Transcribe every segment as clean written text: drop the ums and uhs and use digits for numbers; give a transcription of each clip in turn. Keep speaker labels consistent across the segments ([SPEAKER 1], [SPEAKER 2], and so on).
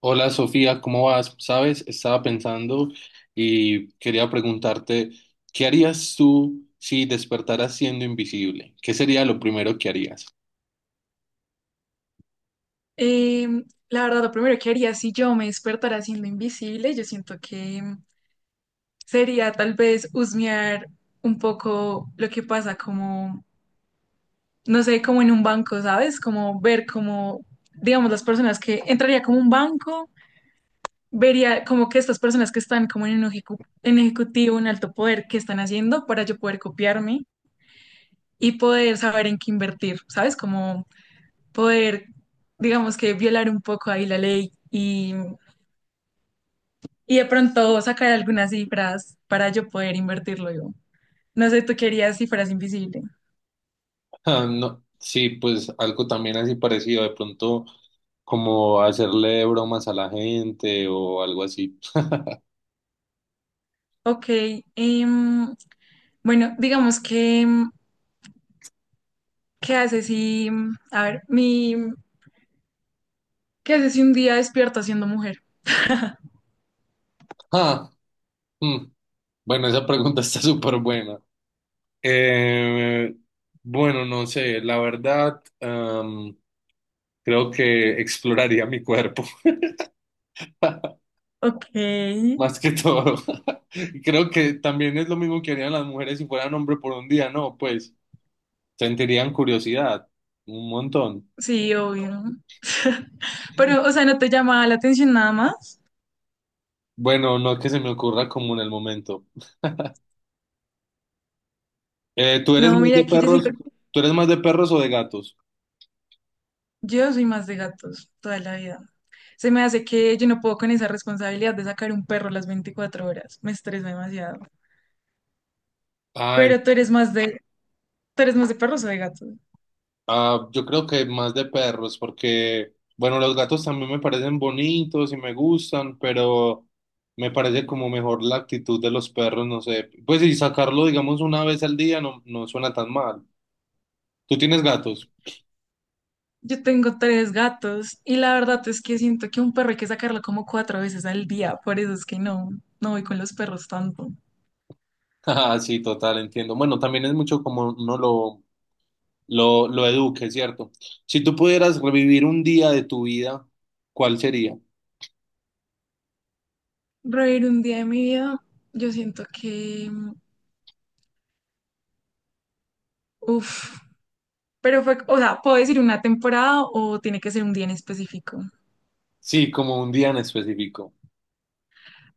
[SPEAKER 1] Hola Sofía, ¿cómo vas? Sabes, estaba pensando y quería preguntarte, ¿qué harías tú si despertaras siendo invisible? ¿Qué sería lo primero que harías?
[SPEAKER 2] La verdad, lo primero que haría si yo me despertara siendo invisible, yo siento que sería tal vez husmear un poco lo que pasa, como, no sé, como en un banco, ¿sabes? Como ver, como, digamos, las personas que entraría como un banco, vería como que estas personas que están como en un en ejecutivo, en alto poder, qué están haciendo para yo poder copiarme y poder saber en qué invertir, ¿sabes? Como poder, digamos, que violar un poco ahí la ley y de pronto sacar algunas cifras para yo poder invertirlo yo. No sé, tú querías cifras invisibles.
[SPEAKER 1] Ah, no, sí, pues algo también así parecido, de pronto como hacerle bromas a la gente o algo así.
[SPEAKER 2] Ok, em, bueno, digamos que, ¿qué haces si, a ver, ¿qué haces si un día despierto siendo mujer?
[SPEAKER 1] Ah, mm, bueno, esa pregunta está súper buena. Eh, bueno, no sé la verdad. Creo que exploraría mi cuerpo.
[SPEAKER 2] Ok,
[SPEAKER 1] Más que todo. Creo que también es lo mismo que harían las mujeres si fueran hombre por un día, ¿no? Pues sentirían curiosidad, un montón.
[SPEAKER 2] sí, obvio. Pero, o sea, ¿no te llama la atención nada más?
[SPEAKER 1] Bueno, no que se me ocurra como en el momento. ¿Tú eres
[SPEAKER 2] No,
[SPEAKER 1] más de
[SPEAKER 2] mira, que yo
[SPEAKER 1] perros?
[SPEAKER 2] siento,
[SPEAKER 1] ¿Tú eres más de perros o de gatos?
[SPEAKER 2] yo soy más de gatos toda la vida. Se me hace que yo no puedo con esa responsabilidad de sacar un perro las 24 horas. Me estresa demasiado.
[SPEAKER 1] Ah, en-
[SPEAKER 2] Pero tú eres más de, tú eres más de perros o de gatos.
[SPEAKER 1] ah, yo creo que más de perros, porque, bueno, los gatos también me parecen bonitos y me gustan, pero me parece como mejor la actitud de los perros, no sé. Pues y sacarlo, digamos, una vez al día no, no suena tan mal. ¿Tú tienes gatos?
[SPEAKER 2] Yo tengo tres gatos y la verdad es que siento que un perro hay que sacarlo como cuatro veces al día. Por eso es que no, no voy con los perros tanto.
[SPEAKER 1] Ah, sí, total, entiendo. Bueno, también es mucho como uno lo eduque, ¿cierto? Si tú pudieras revivir un día de tu vida, ¿cuál sería?
[SPEAKER 2] Reír un día de mi vida, yo siento que, uff, pero fue, o sea, ¿puedo decir una temporada o tiene que ser un día en específico?
[SPEAKER 1] Sí, como un día en específico.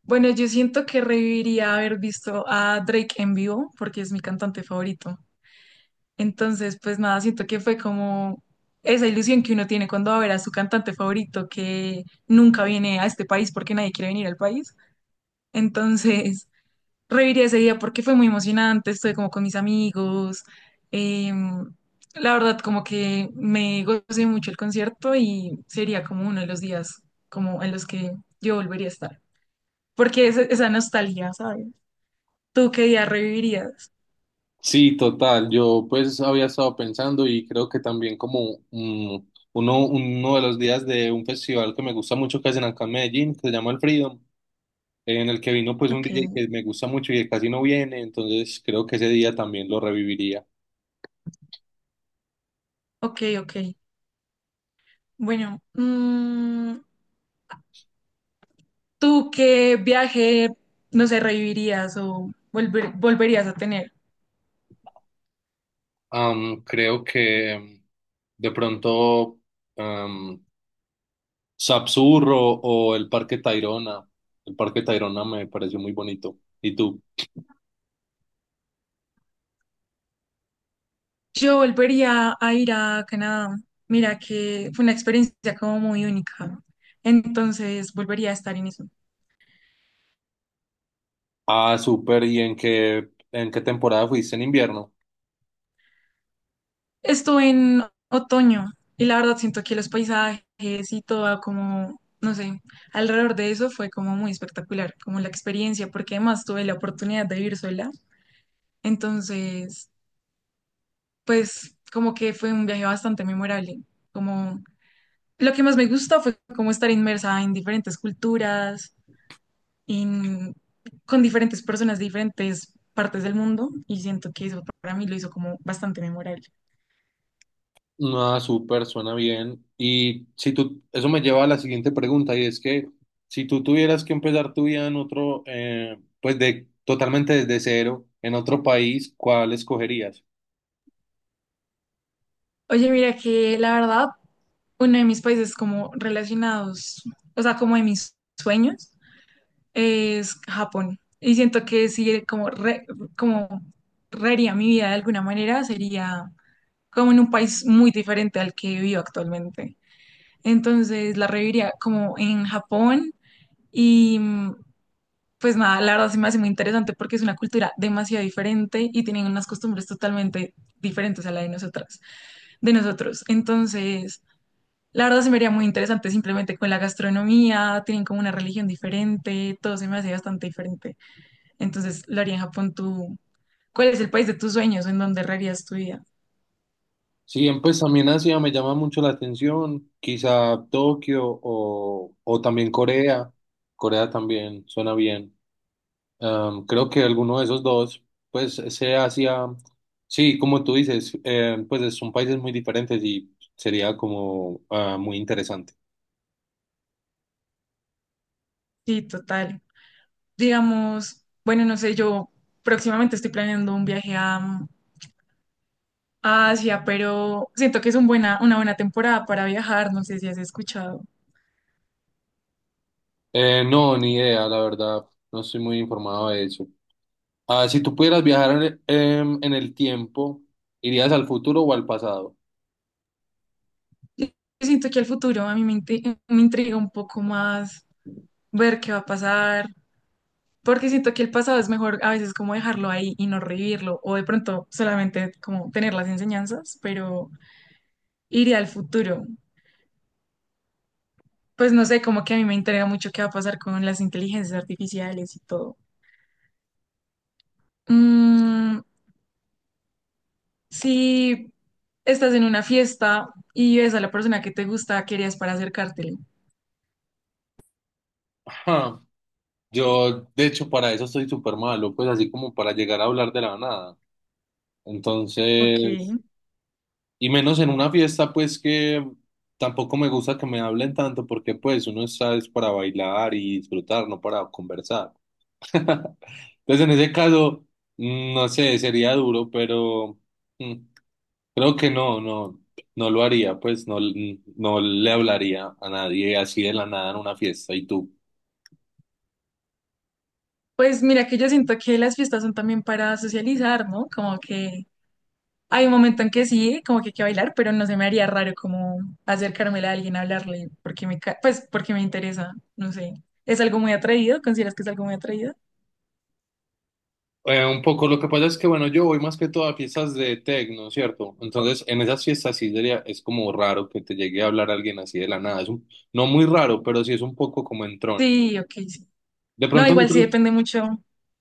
[SPEAKER 2] Bueno, yo siento que reviviría haber visto a Drake en vivo porque es mi cantante favorito. Entonces, pues nada, siento que fue como esa ilusión que uno tiene cuando va a ver a su cantante favorito que nunca viene a este país porque nadie quiere venir al país. Entonces, reviví ese día porque fue muy emocionante, estuve como con mis amigos. em, la verdad, como que me gocé mucho el concierto y sería como uno de los días como en los que yo volvería a estar. Porque es esa nostalgia, ¿sabes? ¿Tú qué día revivirías?
[SPEAKER 1] Sí, total. Yo pues había estado pensando y creo que también como uno de los días de un festival que me gusta mucho que hacen acá en Medellín, que se llama El Freedom, en el que vino pues un
[SPEAKER 2] Ok,
[SPEAKER 1] DJ que me gusta mucho y que casi no viene, entonces creo que ese día también lo reviviría.
[SPEAKER 2] ok, ok. Bueno, mm, ¿tú qué viaje, no sé, revivirías o volverías a tener?
[SPEAKER 1] Creo que de pronto, am, Sapsurro o el Parque Tayrona. El Parque Tayrona me pareció muy bonito. ¿Y tú?
[SPEAKER 2] Yo volvería a ir a Canadá. Mira que fue una experiencia como muy única. Entonces volvería a estar en eso.
[SPEAKER 1] Ah, súper. ¿Y en qué temporada fuiste, en invierno?
[SPEAKER 2] Estuve en otoño y la verdad siento que los paisajes y todo como, no sé, alrededor de eso fue como muy espectacular, como la experiencia, porque además tuve la oportunidad de vivir sola. Entonces, pues como que fue un viaje bastante memorable, como lo que más me gustó fue como estar inmersa en diferentes culturas, en- con diferentes personas de diferentes partes del mundo, y siento que eso para mí lo hizo como bastante memorable.
[SPEAKER 1] Ah, súper, suena bien. Y si tú, eso me lleva a la siguiente pregunta, y es que si tú tuvieras que empezar tu vida en otro, pues de totalmente desde cero, en otro país, ¿cuál escogerías?
[SPEAKER 2] Oye, mira que la verdad, uno de mis países como relacionados, o sea, como de mis sueños, es Japón. Y siento que si como, como reharía mi vida de alguna manera, sería como en un país muy diferente al que vivo actualmente. Entonces la reviviría como en Japón y mm, pues nada, la verdad sí me hace muy interesante porque es una cultura demasiado diferente y tienen unas costumbres totalmente diferentes a la de nosotras, de nosotros. Entonces, la verdad se me haría muy interesante simplemente con la gastronomía, tienen como una religión diferente, todo se me hace bastante diferente. Entonces, lo haría en Japón tú. ¿Cuál es el país de tus sueños en donde rearías tu vida?
[SPEAKER 1] Sí, en- pues también Asia me llama mucho la atención, quizá Tokio o también Corea. Corea también suena bien. Creo que alguno de esos dos, pues ese Asia, sí, como tú dices, pues son países muy diferentes y sería como ah, muy interesante.
[SPEAKER 2] Sí, total. Digamos, bueno, no sé, yo próximamente estoy planeando un viaje a, mm, a Asia, pero siento que es un buena, una buena temporada para viajar, no sé si has escuchado.
[SPEAKER 1] No, ni idea, la verdad, no estoy muy informado de eso. Ah, si tú pudieras viajar en el en el tiempo, ¿irías al futuro o al pasado?
[SPEAKER 2] Yo siento que al futuro a mí me, me intriga un poco más ver qué va a pasar, porque siento que el pasado es mejor a veces como dejarlo ahí y no revivirlo, o de pronto solamente como tener las enseñanzas, pero iría al futuro. Pues no sé, como que a mí me intriga mucho qué va a pasar con las inteligencias artificiales y todo. Mm, si estás en una fiesta y ves a la persona que te gusta, ¿qué harías para acercártele?
[SPEAKER 1] Ajá. Yo, de hecho, para eso estoy súper malo, pues así como para llegar a hablar de la nada.
[SPEAKER 2] Ok,
[SPEAKER 1] Entonces, y menos en una fiesta, pues que tampoco me gusta que me hablen tanto, porque pues uno está es para bailar y disfrutar, no para conversar. Entonces, en ese caso, no sé, sería duro, pero mm, creo que no lo haría, pues no, no le hablaría a nadie así de la nada en una fiesta. ¿Y tú?
[SPEAKER 2] pues mira que yo siento que las fiestas son también para socializar, ¿no? Como que hay un momento en que sí, como que hay que bailar, pero no se me haría raro como acercármela a alguien, hablarle, porque me, pues porque me interesa, no sé. ¿Es algo muy atrevido? ¿Consideras que es algo muy atrevido?
[SPEAKER 1] Un poco, lo que pasa es que, bueno, yo voy más que todo a fiestas de tecno, ¿cierto? Entonces, en esas fiestas sí sería, es como raro que te llegue a hablar alguien así de la nada. Es un- no muy raro, pero sí es un poco como entrón.
[SPEAKER 2] Sí, ok, sí.
[SPEAKER 1] De
[SPEAKER 2] No,
[SPEAKER 1] pronto,
[SPEAKER 2] igual sí
[SPEAKER 1] nosotros-
[SPEAKER 2] depende mucho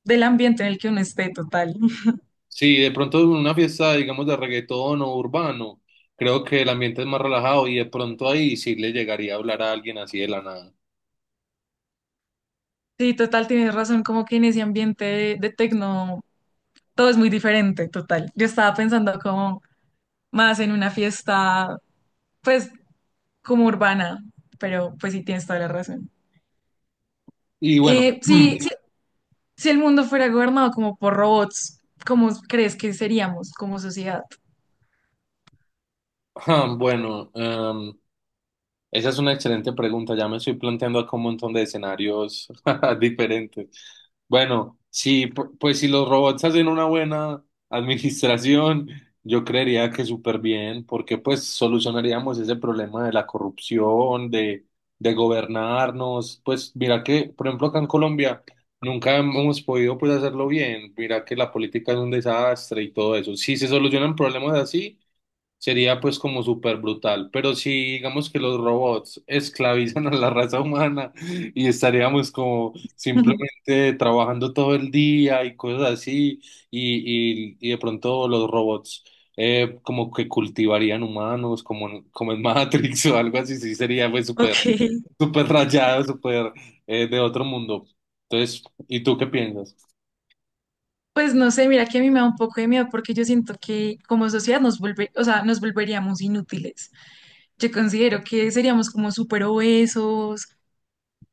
[SPEAKER 2] del ambiente en el que uno esté, total.
[SPEAKER 1] sí, de pronto en una fiesta, digamos, de reggaetón o urbano, creo que el ambiente es más relajado y de pronto ahí sí le llegaría a hablar a alguien así de la nada.
[SPEAKER 2] Sí, total, tienes razón, como que en ese ambiente de tecno todo es muy diferente, total. Yo estaba pensando como más en una fiesta, pues como urbana, pero pues sí tienes toda la razón.
[SPEAKER 1] Y bueno,
[SPEAKER 2] Sí, sí, si el mundo fuera gobernado como por robots, ¿cómo crees que seríamos como sociedad?
[SPEAKER 1] ah, bueno, esa es una excelente pregunta. Ya me estoy planteando acá un montón de escenarios diferentes. Bueno, sí, pues si los robots hacen una buena administración, yo creería que súper bien, porque pues solucionaríamos ese problema de la corrupción, de gobernarnos. Pues mira que, por ejemplo, acá en Colombia nunca hemos podido pues hacerlo bien. Mira que la política es un desastre y todo eso. Si se solucionan problemas así. Sería pues como súper brutal, pero si digamos que los robots esclavizan a la raza humana y estaríamos como simplemente trabajando todo el día y cosas así, y de pronto los robots como que cultivarían humanos como en, como en Matrix o algo así, sí sería pues súper
[SPEAKER 2] Ok,
[SPEAKER 1] súper rayado, súper de otro mundo. Entonces, ¿y tú qué piensas?
[SPEAKER 2] pues no sé, mira que a mí me da un poco de miedo porque yo siento que como sociedad nos o sea, nos volveríamos inútiles. Yo considero que seríamos como súper obesos,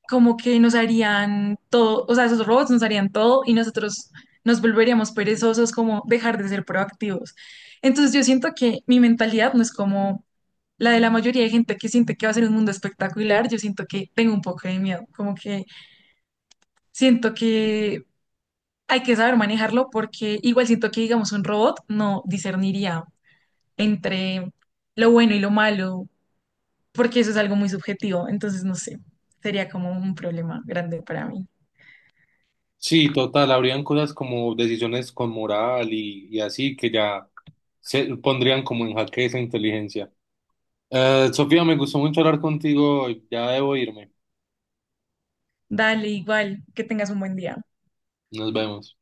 [SPEAKER 2] como que nos harían todo, o sea, esos robots nos harían todo y nosotros nos volveríamos perezosos, como dejar de ser proactivos. Entonces yo siento que mi mentalidad no es como la de la mayoría de gente que siente que va a ser un mundo espectacular, yo siento que tengo un poco de miedo, como que siento que hay que saber manejarlo porque igual siento que, digamos, un robot no discerniría entre lo bueno y lo malo, porque eso es algo muy subjetivo, entonces no sé, sería como un problema grande para mí.
[SPEAKER 1] Sí, total, habrían cosas como decisiones con moral y así que ya se pondrían como en jaque esa inteligencia. Sofía, me gustó mucho hablar contigo, ya debo irme,
[SPEAKER 2] Dale, igual, que tengas un buen día.
[SPEAKER 1] nos vemos.